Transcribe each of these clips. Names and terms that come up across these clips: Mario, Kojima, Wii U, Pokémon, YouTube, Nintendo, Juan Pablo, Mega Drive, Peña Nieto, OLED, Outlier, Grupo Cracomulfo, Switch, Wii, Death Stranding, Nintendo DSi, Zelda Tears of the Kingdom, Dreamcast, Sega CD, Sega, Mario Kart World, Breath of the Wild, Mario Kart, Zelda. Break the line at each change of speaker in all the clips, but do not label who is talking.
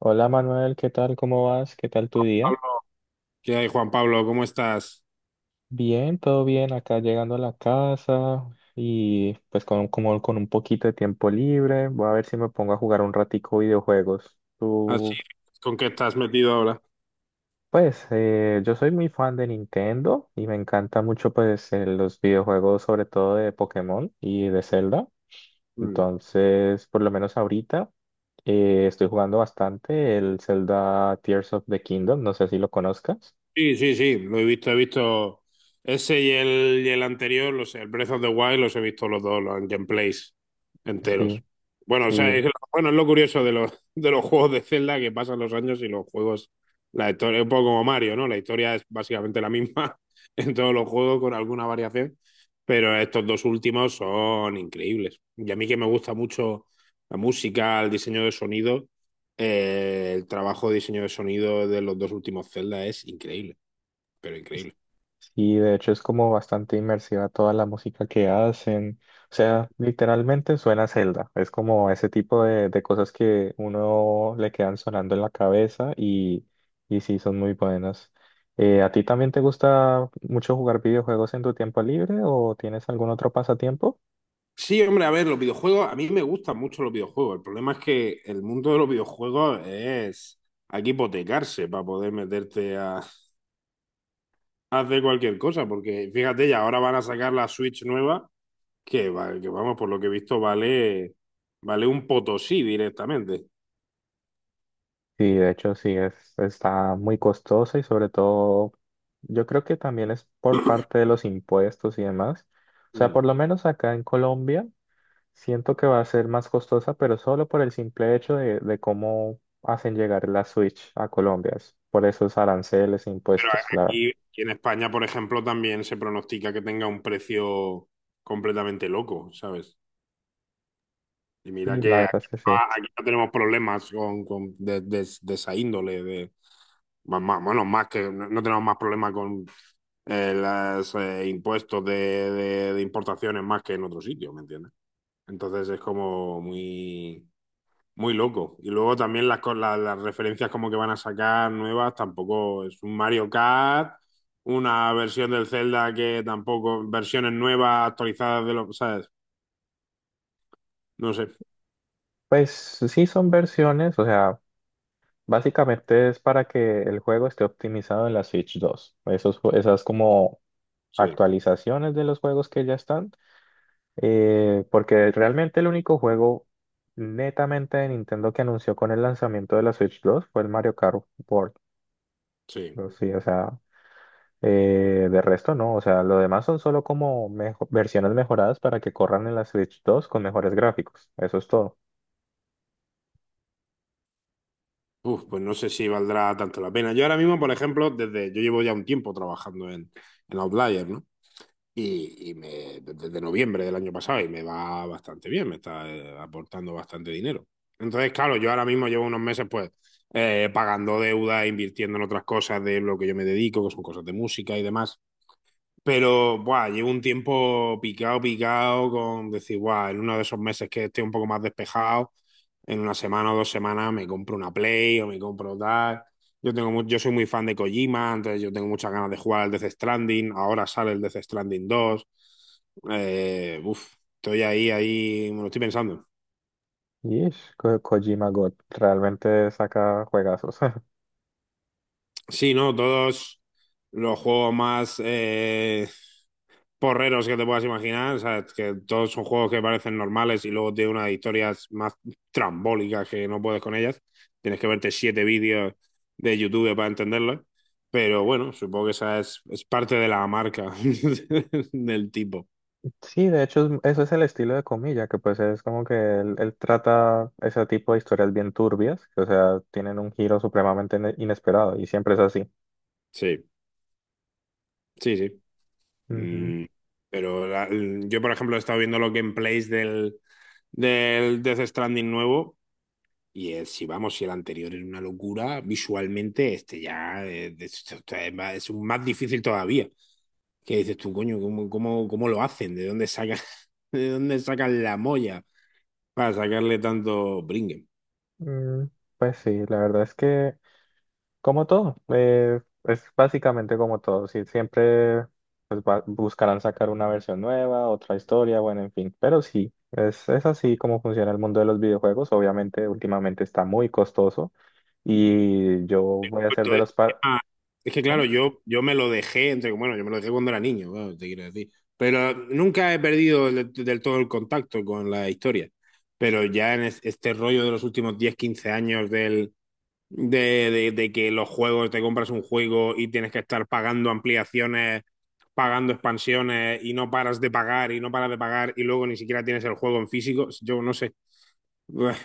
Hola Manuel, ¿qué tal? ¿Cómo vas? ¿Qué tal tu día?
Pablo. ¿Qué hay, Juan Pablo? ¿Cómo estás?
Bien, todo bien, acá llegando a la casa y pues con, como con un poquito de tiempo libre, voy a ver si me pongo a jugar un ratico videojuegos.
Así,
Tú,
¿con qué estás metido ahora?
pues yo soy muy fan de Nintendo y me encanta mucho pues los videojuegos sobre todo de Pokémon y de Zelda.
Mm.
Entonces, por lo menos ahorita estoy jugando bastante el Zelda Tears of the Kingdom, no sé si lo conozcas.
Sí, sí, sí, lo he visto ese y el anterior, los, el Breath of the Wild, los he visto los dos, los gameplays enteros.
Sí,
Bueno, o sea,
sí.
es, bueno, es lo curioso de los juegos de Zelda, que pasan los años y los juegos, la historia, es un poco como Mario, ¿no? La historia es básicamente la misma en todos los juegos con alguna variación. Pero estos dos últimos son increíbles. Y a mí, que me gusta mucho la música, el diseño de sonido, el trabajo de diseño de sonido de los dos últimos Zelda es increíble, pero increíble.
Sí, de hecho es como bastante inmersiva toda la música que hacen. O sea, literalmente suena a Zelda. Es como ese tipo de cosas que uno le quedan sonando en la cabeza y sí, son muy buenas. ¿A ti también te gusta mucho jugar videojuegos en tu tiempo libre o tienes algún otro pasatiempo?
Sí, hombre, a ver, los videojuegos, a mí me gustan mucho los videojuegos. El problema es que el mundo de los videojuegos es... Hay que hipotecarse para poder meterte a hacer cualquier cosa, porque fíjate, ya ahora van a sacar la Switch nueva, que, que vamos, por lo que he visto, vale, vale un potosí directamente.
Sí, de hecho sí, es, está muy costosa y sobre todo yo creo que también es por parte de los impuestos y demás. O sea,
Mm.
por lo menos acá en Colombia. Siento que va a ser más costosa, pero solo por el simple hecho de cómo hacen llegar la Switch a Colombia, es por esos aranceles e
Pero
impuestos. La,
aquí, aquí en España, por ejemplo, también se pronostica que tenga un precio completamente loco, ¿sabes? Y mira
y la
que
verdad es
aquí,
que
no,
sí.
aquí no tenemos problemas con, de, de esa índole, de, más, bueno, más que no, no tenemos más problemas con los impuestos de, de importaciones, más que en otros sitios, ¿me entiendes? Entonces es como muy... Muy loco. Y luego también las, las referencias como que van a sacar nuevas, tampoco es un Mario Kart, una versión del Zelda, que tampoco, versiones nuevas actualizadas de los, ¿sabes? No sé.
Pues sí son versiones, o sea, básicamente es para que el juego esté optimizado en la Switch dos. Esos, esas como
Sí,
actualizaciones de los juegos que ya están, porque realmente el único juego netamente de Nintendo que anunció con el lanzamiento de la Switch dos fue el Mario Kart World.
sí.
Pero sí, o sea. De resto, no, o sea, lo demás son solo como versiones mejoradas para que corran en la Switch dos con mejores gráficos. Eso es todo.
Uf, pues no sé si valdrá tanto la pena. Yo ahora mismo, por ejemplo, desde, yo llevo ya un tiempo trabajando en Outlier, ¿no?, y me, desde noviembre del año pasado, y me va bastante bien, me está aportando bastante dinero. Entonces, claro, yo ahora mismo llevo unos meses, pues pagando deuda, invirtiendo en otras cosas de lo que yo me dedico, que son cosas de música y demás. Pero, buah, llevo un tiempo picado, picado, con decir, buah, en uno de esos meses que esté un poco más despejado, en una semana o dos semanas me compro una Play o me compro tal. Yo tengo, yo soy muy fan de Kojima, entonces yo tengo muchas ganas de jugar al Death Stranding. Ahora sale el Death Stranding dos. Uf, estoy ahí, ahí, me lo estoy pensando.
Y Kojima God realmente saca juegazos.
Sí, ¿no? Todos los juegos más, porreros que te puedas imaginar, ¿sabes? Que todos son juegos que parecen normales y luego tiene unas historias más trambólicas que no puedes con ellas. Tienes que verte siete vídeos de YouTube para entenderlo. Pero bueno, supongo que esa es parte de la marca del tipo.
Sí, de hecho, eso es el estilo de Comilla, que pues es como que él trata ese tipo de historias bien turbias, que, o sea, tienen un giro supremamente inesperado y siempre es así.
Sí, sí, sí.
Ujú.
Mm, pero la- yo, por ejemplo, he estado viendo los gameplays del, del Death Stranding nuevo. Y el, si vamos, si el anterior era una locura, visualmente este ya es, es un más difícil todavía. Que dices tú, coño, ¿cómo, cómo, cómo lo hacen? ¿De dónde sacan, de dónde sacan la molla para sacarle tanto bringen?
Mm, pues sí, la verdad es que como todo, es básicamente como todo. Sí, siempre pues, buscarán sacar una versión nueva, otra historia, bueno, en fin. Pero sí, es así como funciona el mundo de los videojuegos. Obviamente, últimamente está muy costoso y yo voy a
Pues
ser
todo
de
este
los par...
es que claro,
¿Cómo?
yo me lo dejé, entre, bueno, yo me lo dejé cuando era niño, claro, te quiero decir. Pero nunca he perdido del, del todo el contacto con la historia. Pero ya en este rollo de los últimos 10 15 años del, de, de que los juegos, te compras un juego y tienes que estar pagando ampliaciones, pagando expansiones, y no paras de pagar y no paras de pagar, y luego ni siquiera tienes el juego en físico. Yo no sé. Buah.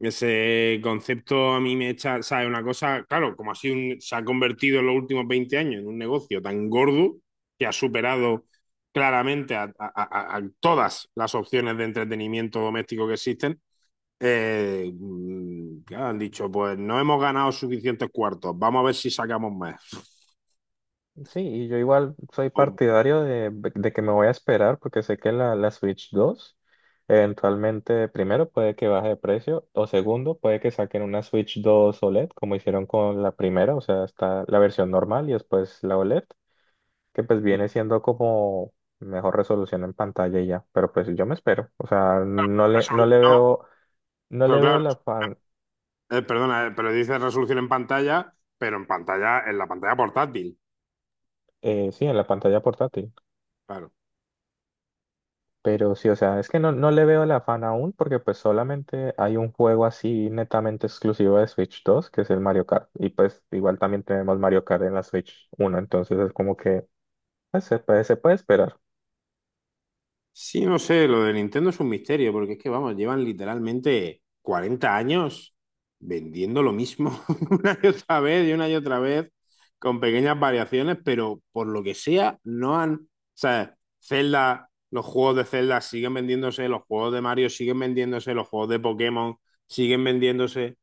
Ese concepto a mí me echa, ¿sabes? Una cosa, claro, como así se ha convertido en los últimos 20 años en un negocio tan gordo que ha superado claramente a, a todas las opciones de entretenimiento doméstico que existen. ¿Qué han dicho? Pues no hemos ganado suficientes cuartos. Vamos a ver si sacamos más.
Sí, y yo igual soy
O
partidario de que me voy a esperar porque sé que la Switch 2 eventualmente, primero, puede que baje de precio o segundo, puede que saquen una Switch 2 OLED como hicieron con la primera, o sea, está la versión normal y después la OLED, que pues viene siendo como mejor resolución en pantalla y ya, pero pues yo me espero, o sea, no le
resolución,
veo, no
pero
le veo
claro,
la pan,
perdona, pero dice resolución en pantalla, pero en pantalla, en la pantalla portátil.
sí, en la pantalla portátil.
Claro.
Pero sí, o sea, es que no, no le veo el afán aún porque pues solamente hay un juego así netamente exclusivo de Switch dos que es el Mario Kart. Y pues igual también tenemos Mario Kart en la Switch uno, entonces es como que pues, se puede esperar.
Sí, no sé, lo de Nintendo es un misterio, porque es que, vamos, llevan literalmente 40 años vendiendo lo mismo una y otra vez y una y otra vez, con pequeñas variaciones, pero por lo que sea, no han... O sea, Zelda, los juegos de Zelda siguen vendiéndose, los juegos de Mario siguen vendiéndose, los juegos de Pokémon siguen vendiéndose,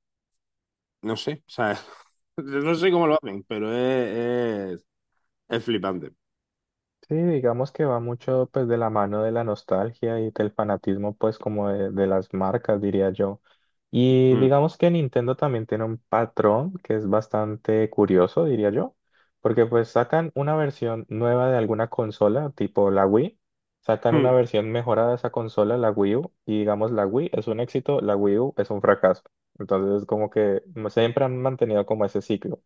no sé, o sea, no sé cómo lo hacen, pero es flipante.
Sí, digamos que va mucho pues de la mano de la nostalgia y del fanatismo pues como de las marcas, diría yo. Y digamos que Nintendo también tiene un patrón que es bastante curioso, diría yo, porque pues sacan una versión nueva de alguna consola, tipo la Wii, sacan una
Mm.
versión mejorada de esa consola, la Wii U, y digamos la Wii es un éxito, la Wii U es un fracaso. Entonces como que siempre han mantenido como ese ciclo.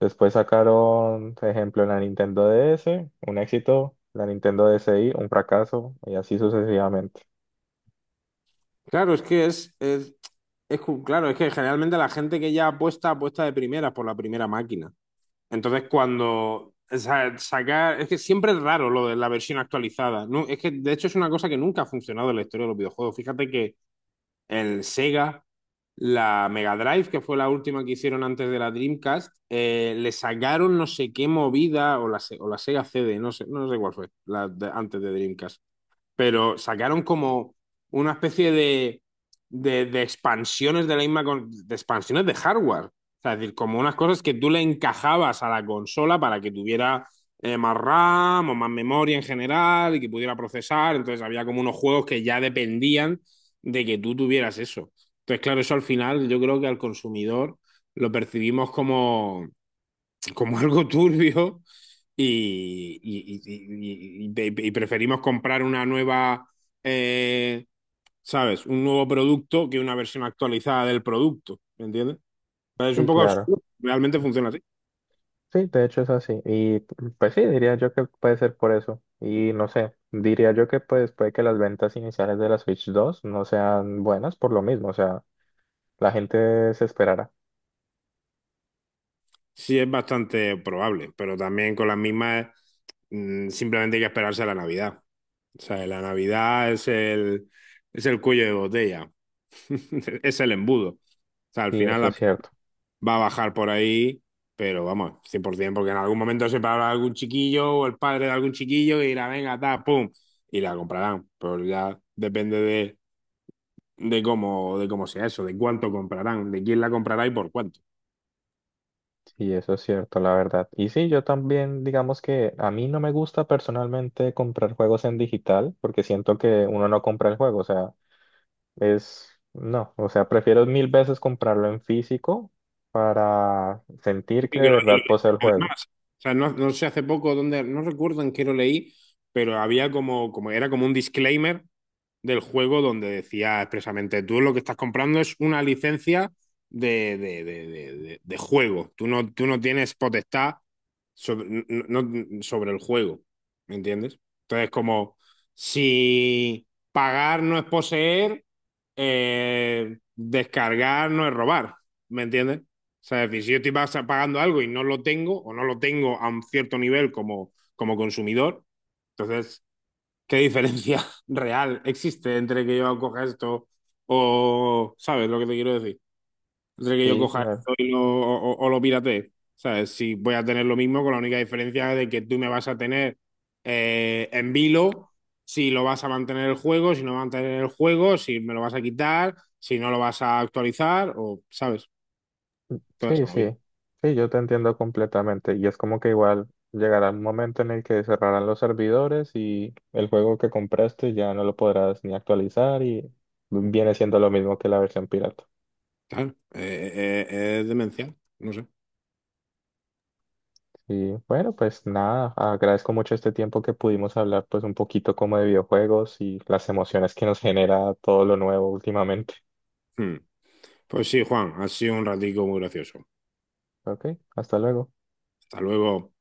Después sacaron, por ejemplo, la Nintendo DS, un éxito, la Nintendo DSi, un fracaso, y así sucesivamente.
Claro, es que es, claro, es que generalmente la gente que ya apuesta, apuesta de primeras por la primera máquina. Entonces, cuando o sea, sacar, es que siempre es raro lo de la versión actualizada. No, es que de hecho es una cosa que nunca ha funcionado en la historia de los videojuegos. Fíjate que el Sega, la Mega Drive, que fue la última que hicieron antes de la Dreamcast, le sacaron no sé qué movida, o la, o la Sega CD, no sé, no sé cuál fue, antes de Dreamcast, pero sacaron como una especie de expansiones de la misma, de expansiones de hardware. O sea, es decir, como unas cosas que tú le encajabas a la consola para que tuviera más RAM o más memoria en general y que pudiera procesar. Entonces había como unos juegos que ya dependían de que tú tuvieras eso. Entonces, claro, eso al final yo creo que al consumidor lo percibimos como, como algo turbio, y, y preferimos comprar una nueva, eh, ¿sabes? Un nuevo producto que una versión actualizada del producto, ¿me entiendes? Pero es un
Sí,
poco
claro.
absurdo, realmente funciona así.
Sí, de hecho es así. Y pues sí, diría yo que puede ser por eso. Y no sé, diría yo que pues puede que las ventas iniciales de la Switch dos no sean buenas por lo mismo. O sea, la gente se esperará.
Sí, es bastante probable, pero también con las mismas, mm, simplemente hay que esperarse a la Navidad. O sea, la Navidad es el cuello de botella, es el embudo. O sea, al
Sí,
final
eso
la
es cierto.
va a bajar por ahí, pero vamos, 100%, porque en algún momento se parará algún chiquillo o el padre de algún chiquillo y dirá, venga, ta, pum, y la comprarán. Pero ya depende de cómo sea eso, de cuánto comprarán, de quién la comprará y por cuánto.
Sí, eso es cierto, la verdad. Y sí, yo también, digamos que a mí no me gusta personalmente comprar juegos en digital porque siento que uno no compra el juego. O sea, es, no, o sea, prefiero mil veces comprarlo en físico para sentir que
Y
de
que
verdad poseo el juego.
además, o sea, no, no sé hace poco dónde, no recuerdo en qué lo leí, pero había como, como, era como un disclaimer del juego donde decía expresamente, tú lo que estás comprando es una licencia de, de de juego, tú no tienes potestad sobre, sobre el juego, ¿me entiendes? Entonces, como si pagar no es poseer, descargar no es robar, ¿me entiendes? O sea, es decir, si yo estoy pagando algo y no lo tengo, o no lo tengo a un cierto nivel como, como consumidor, entonces ¿qué diferencia real existe entre que yo coja esto o, ¿sabes lo que te quiero decir? Entre que yo
Sí,
coja
claro.
esto y lo, o, o lo piratee. ¿Sabes? Si voy a tener lo mismo, con la única diferencia de que tú me vas a tener en vilo, si lo vas a mantener el juego, si no vas a mantener el juego, si me lo vas a quitar, si no lo vas a actualizar, o, ¿sabes? Toda
Sí,
esa movida.
sí, yo te entiendo completamente. Y es como que igual llegará un momento en el que cerrarán los servidores y el juego que compraste ya no lo podrás ni actualizar y viene siendo lo mismo que la versión pirata.
Claro, es demencial, no sé.
Y bueno, pues nada, agradezco mucho este tiempo que pudimos hablar pues un poquito como de videojuegos y las emociones que nos genera todo lo nuevo últimamente.
Hmm. Pues sí, Juan, ha sido un ratico muy gracioso.
Ok, hasta luego.
Hasta luego.